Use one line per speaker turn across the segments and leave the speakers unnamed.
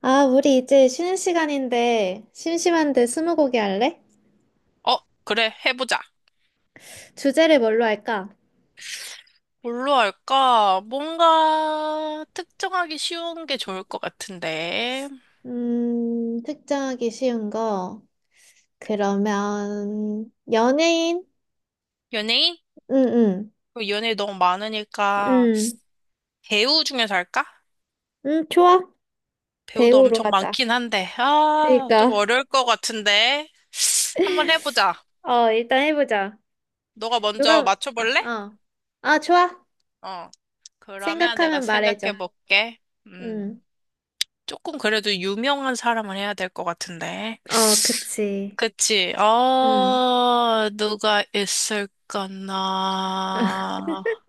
아, 우리 이제 쉬는 시간인데, 심심한데 스무고개 할래?
어, 그래, 해보자.
주제를 뭘로 할까?
뭘로 할까? 뭔가 특정하기 쉬운 게 좋을 것 같은데.
특정하기 쉬운 거. 그러면, 연예인?
연예인?
응, 응,
그 연예인 너무 많으니까
응.
배우 중에서 할까?
응, 좋아.
배우도
배우로
엄청
하자.
많긴 한데. 아, 좀
그니까.
어려울 것 같은데. 한번 해보자.
어, 일단 해보자.
너가 먼저
누가, 아,
맞춰볼래?
어. 아, 좋아.
어. 그러면 내가
생각하면 말해줘.
생각해볼게. 음,
응.
조금 그래도 유명한 사람을 해야 될 것 같은데.
어, 그치.
그치.
응.
아, 누가 있을까나.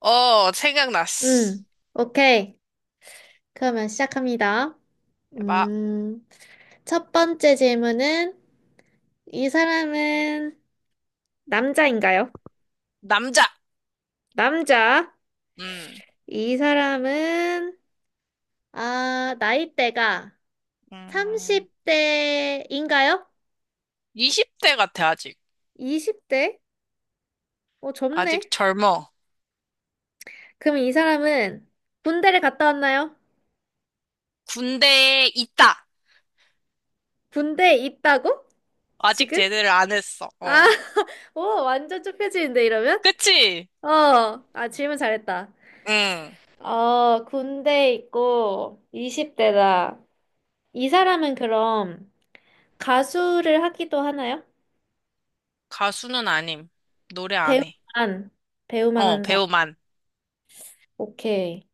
생각났어.
응. 오케이. 그러면 시작합니다.
해봐.
음, 첫 번째 질문은 이 사람은 남자인가요?
남자.
남자.
음,
이 사람은 아, 나이대가
음,
30대인가요?
20대 같아, 아직.
20대? 어,
아직
젊네.
젊어.
그럼 이 사람은 군대를 갔다 왔나요?
군대에 있다.
군대에 있다고?
아직
지금?
제대를 안 했어.
아,
어.
오, 완전 좁혀지는데 이러면?
그치?
어, 아, 질문 잘했다.
응.
어, 군대에 있고 20대다. 이 사람은 그럼 가수를 하기도 하나요?
가수는 아님. 노래 안 해.
배우만, 배우만
어,
한 사람.
배우만.
오케이.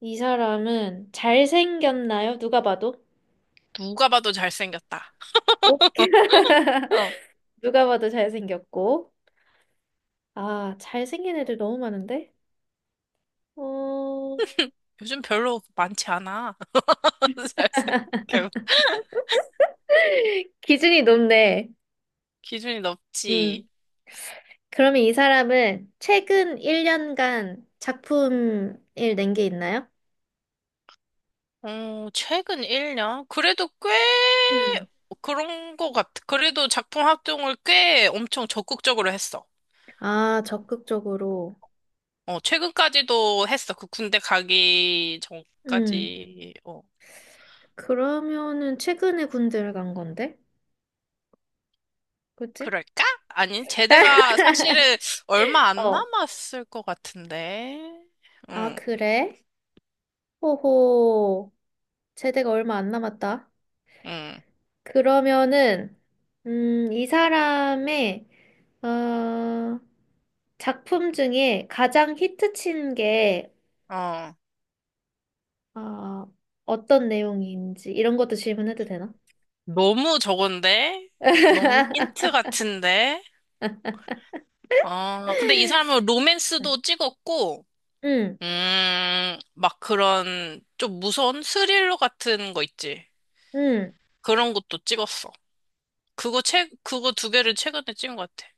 이 사람은 잘생겼나요? 누가 봐도?
누가 봐도 잘생겼다.
오,
어.
누가 봐도 잘생겼고. 아, 잘생긴 애들 너무 많은데? 어,
요즘 별로 많지 않아. 잘생겨.
기준이 높네.
기준이 높지.
음. 그러면 이 사람은 최근 1년간 작품을 낸 게 있나요?
최근 1년? 그래도 꽤
음.
그런 거 같아. 그래도 작품 활동을 꽤 엄청 적극적으로 했어.
아, 적극적으로.
최근까지도 했어. 그 군대 가기
음.
전까지.
그러면은 최근에 군대를 간 건데? 그치?
그럴까? 아니, 제대가 사실은 얼마 안
어.
남았을 것 같은데.
아,
응,
그래? 호호. 제대가 얼마 안 남았다.
응,
그러면은, 이 사람의, 어, 작품 중에 가장 히트 친 게,
어.
어, 어떤 내용인지, 이런 것도 질문해도 되나?
너무 저건데? 너무 힌트 같은데? 아, 근데 이 사람은
응.
로맨스도 찍었고,
응,
막 그런 좀 무서운 스릴러 같은 거 있지.
응.
그런 것도 찍었어. 그거 두 개를 최근에 찍은 것 같아.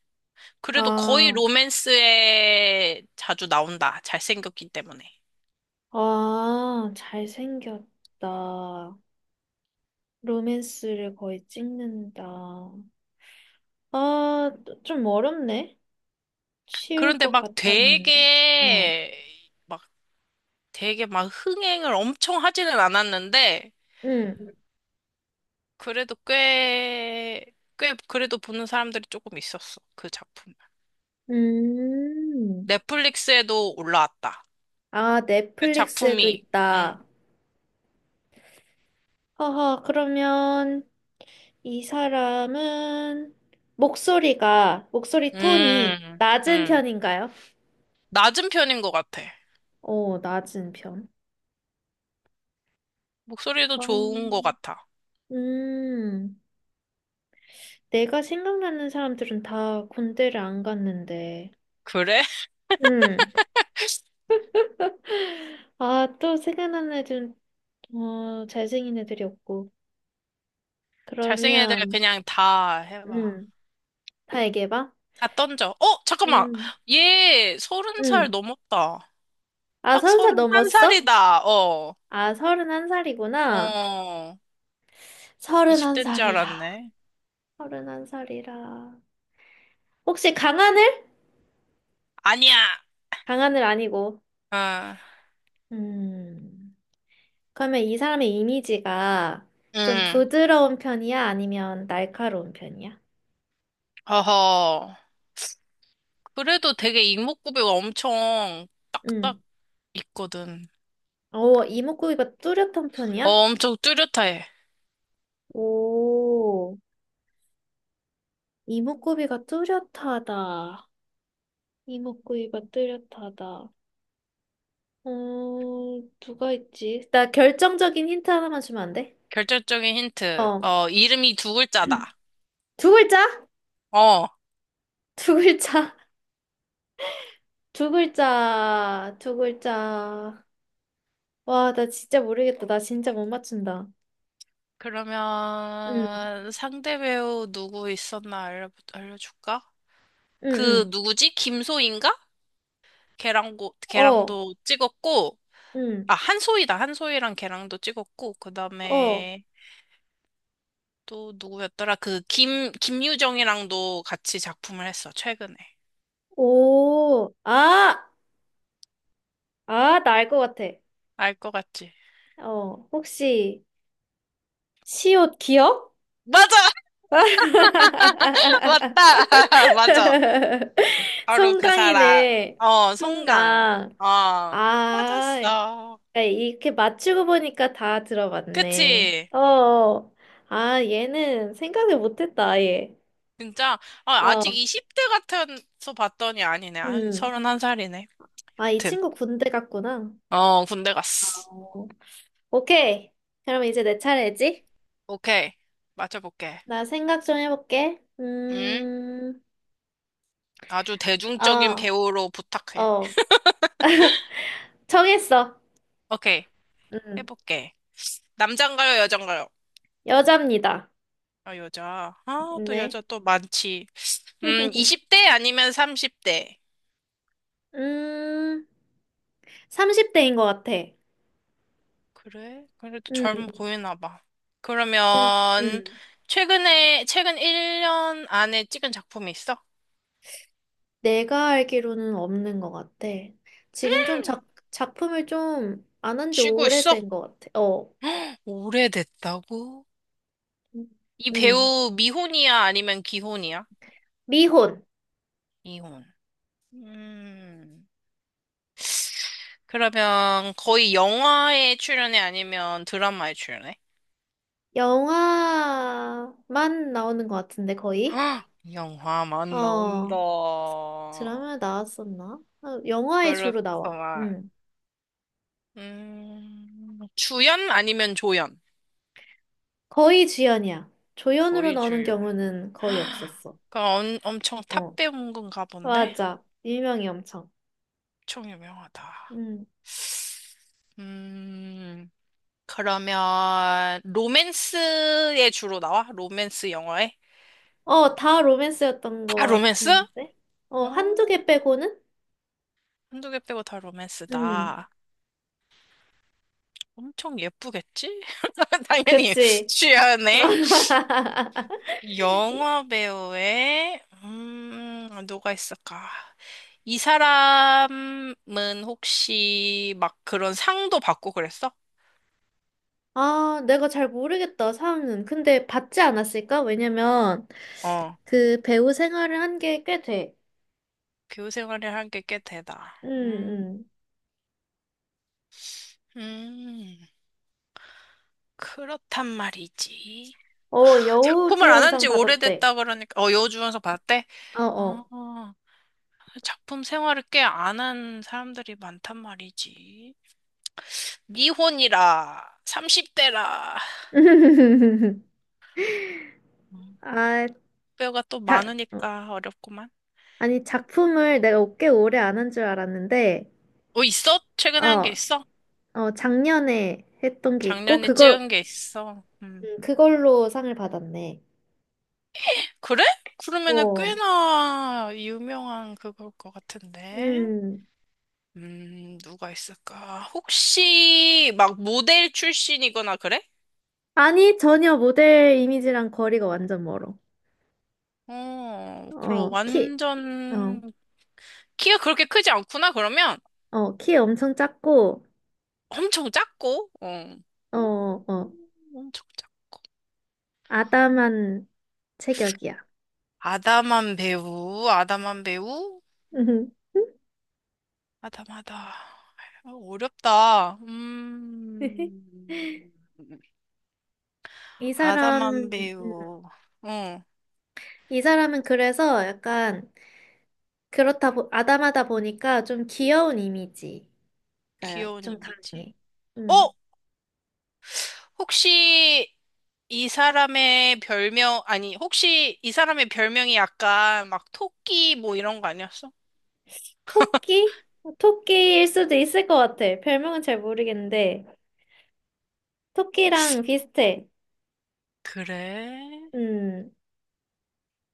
그래도 거의
아,
로맨스에 자주 나온다. 잘생겼기 때문에.
아, 잘생겼다. 로맨스를 거의 찍는다. 아, 좀 어렵네? 쉬울
그런데
것
막
같았는데. 어.
되게, 막 되게 막 흥행을 엄청 하지는 않았는데,
응.
그래도 꽤 그래도 보는 사람들이 조금 있었어. 그 작품.
음.
넷플릭스에도 올라왔다.
아,
그
넷플릭스에도
작품이. 응.
있다. 허허, 그러면 이 사람은 목소리가, 목소리 톤이
음,
낮은
음.
편인가요?
낮은 편인 것 같아.
오, 낮은 편.
목소리도 좋은 것
어
같아.
음. 내가 생각나는 사람들은 다 군대를 안 갔는데.
그래?
음. 아, 또 생각나는 애들은, 어, 잘생긴 애들이었고.
잘생긴 애들
그러면,
그냥 다 해봐.
음, 다 얘기해봐.
다 던져. 잠깐만.
음,
얘 서른 살
음.
넘었다.
아,
딱
서른 살
서른 한
넘었어?
살이다. 어,
아, 서른한 살이구나.
어.
서른한
20대인
살
줄
이라
알았네.
서른한 살이라 혹시 강하늘?
아니야.
강하늘 아니고.
어,
음. 그러면 이 사람의 이미지가 좀
응.
부드러운 편이야? 아니면 날카로운 편이야?
어허. 그래도 되게 이목구비가 엄청 딱딱
음.
있거든.
어, 이목구비가 뚜렷한
어,
편이야?
엄청 뚜렷해.
오, 이목구비가 뚜렷하다. 이목구비가 뚜렷하다. 어, 누가 있지? 나 결정적인 힌트 하나만 주면 안 돼?
결정적인 힌트.
어.
이름이 두 글자다.
두 글자?
어.
두 글자, 두 글자, 두 글자. 와, 나 진짜 모르겠다. 나 진짜 못 맞춘다. 응,
그러면 상대 배우 누구 있었나 알려줄까? 그
응,
누구지? 김소희인가? 걔랑, 고,
응. 어,
걔랑도 찍었고,
응,
아, 한소희다. 한소희랑 걔랑도 찍었고, 그
어,
다음에 또 누구였더라? 김유정이랑도 같이 작품을 했어, 최근에.
오. 아, 아, 나 알 것 같아.
알 것 같지?
어, 혹시, 시옷 기억?
맞아! 맞다! 맞아. 바로 그 사람.
송강이네.
송강.
송강.
어,
아,
맞았어.
그러니까 이렇게 맞추고 보니까 다 들어봤네.
그치?
어, 어. 아, 얘는 생각을 못했다, 아예.
진짜. 아, 아직
어,
20대 같아서 봤더니 아니네. 아니,
음.
31살이네.
아, 이
아무튼.
친구 군대 갔구나.
어, 군대 갔어.
어. 오케이. 그럼 이제 내 차례지?
오케이. 맞춰볼게.
나 생각 좀 해볼게.
응? 아주 대중적인
어,
배우로 부탁해.
어. 정했어.
오케이.
음,
해볼게. 남잔가요, 여잔가요?
여자입니다.
아, 여자. 아, 또
네.
여자 또 많지. 20대 아니면 30대.
음, 30대인 것 같아.
그래? 그래도
음,
젊어 보이나 봐.
음.
그러면,
음.
최근에, 최근 1년 안에 찍은 작품이 있어?
내가 알기로는 없는 것 같아. 지금 좀 작품을 좀 안 한지
쉬고 있어?
오래된 것 같아. 어,
오래됐다고? 이
음.
배우 미혼이야 아니면 기혼이야?
미혼.
미혼. 음. 그러면 거의 영화에 출연해 아니면 드라마에 출연해?
영화만 나오는 것 같은데, 거의?
헉! 영화만 나온다.
어, 드라마 나왔었나? 어, 영화에 주로 나와.
그렇구만.
음.
주연 아니면 조연?
거의 주연이야. 조연으로
거의
나오는
주연.
경우는 거의
헉!
없었어.
그럼 엄청 탑
어,
배우인 건가 본데?
맞아. 유명해, 엄청.
엄청 유명하다.
음.
음. 그러면 로맨스에 주로 나와? 로맨스 영화에?
어, 다 로맨스였던 것
다 로맨스?
같은데?
어,
어, 한두 개 빼고는?
한두 개 빼고 다
음.
로맨스다. 엄청 예쁘겠지? 당연히
그치?
취하네.
이-
영화 배우에 누가 있을까? 이 사람은 혹시 막 그런 상도 받고 그랬어?
아, 내가 잘 모르겠다, 상은. 근데 받지 않았을까? 왜냐면,
어,
그 배우 생활을 한 게 꽤 돼.
교우 생활을 한 게 꽤 되다.
응,
음,
응.
음, 그렇단 말이지.
어,
작품을 안 한
여우주연상
지
받았대.
오래됐다 그러니까 여우주연석 봤대?
어, 어.
아 작품 생활을 꽤 안 한 사람들이 많단 말이지. 미혼이라 30대라
아,
뼈가 또
자, 어.
많으니까 어렵구만.
아니, 작품을 내가 꽤 오래 안 한 줄 알았는데,
있어? 최근에 한 게
어,
있어?
어, 작년에 했던 게 있고,
작년에
그걸,
찍은 게 있어.
그걸로 상을 받았네.
그래? 그러면은
어,
꽤나 유명한 그걸 것 같은데.
음.
누가 있을까? 혹시 막 모델 출신이거나 그래?
아니, 전혀 모델 이미지랑 거리가 완전 멀어.
어, 그럼
어, 키, 어,
완전 키가 그렇게 크지 않구나. 그러면
어, 키 엄청 작고,
엄청 작고,
어,
음,
어,
엄청 작고.
아담한 체격이야.
아담한 배우, 아담한 배우, 아담하다. 어렵다.
이 사람,
아담한
음,
배우, 어,
이 사람은 그래서 약간 아담하다 보니까 좀 귀여운 이미지가
귀여운
좀
이미지.
강해.
어,
음.
혹시 이 사람의 별명, 아니, 혹시 이 사람의 별명이 약간 막 토끼 뭐 이런 거 아니었어?
토끼? 토끼일 수도 있을 것 같아. 별명은 잘 모르겠는데, 토끼랑 비슷해.
그래?
음,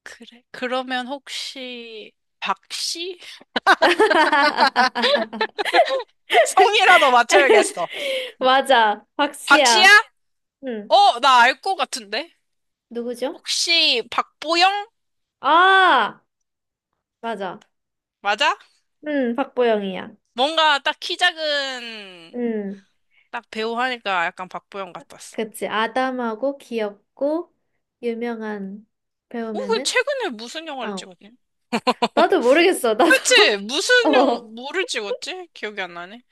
그래? 그러면 혹시 박씨? 성이라도 맞춰야겠어.
맞아.
박씨야?
박씨야. 응.
어, 나 알 것 같은데?
누구죠?
혹시 박보영?
아, 맞아.
맞아?
응, 박보영이야.
뭔가 딱 키 작은
응.
딱 배우 하니까 약간 박보영 같았어.
그치. 아담하고 귀엽고 유명한
그
배우면은
최근에 무슨 영화를
어.
찍었지?
나도 모르겠어. 나도.
그치? 무슨 영화,
어.
뭐를 찍었지? 기억이 안 나네.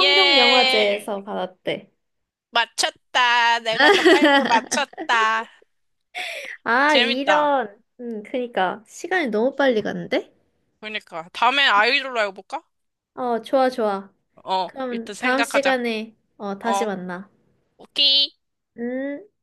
예,
받았대.
맞췄다. 내가 더 빨리 맞췄다.
아,
재밌다.
이런. 응, 그니까. 시간이 너무 빨리 갔는데?
그러니까 다음에 아이돌로 해볼까?
어, 좋아, 좋아.
어, 일단
그럼 다음
생각하자.
시간에 어, 다시
어,
만나.
오케이.
음.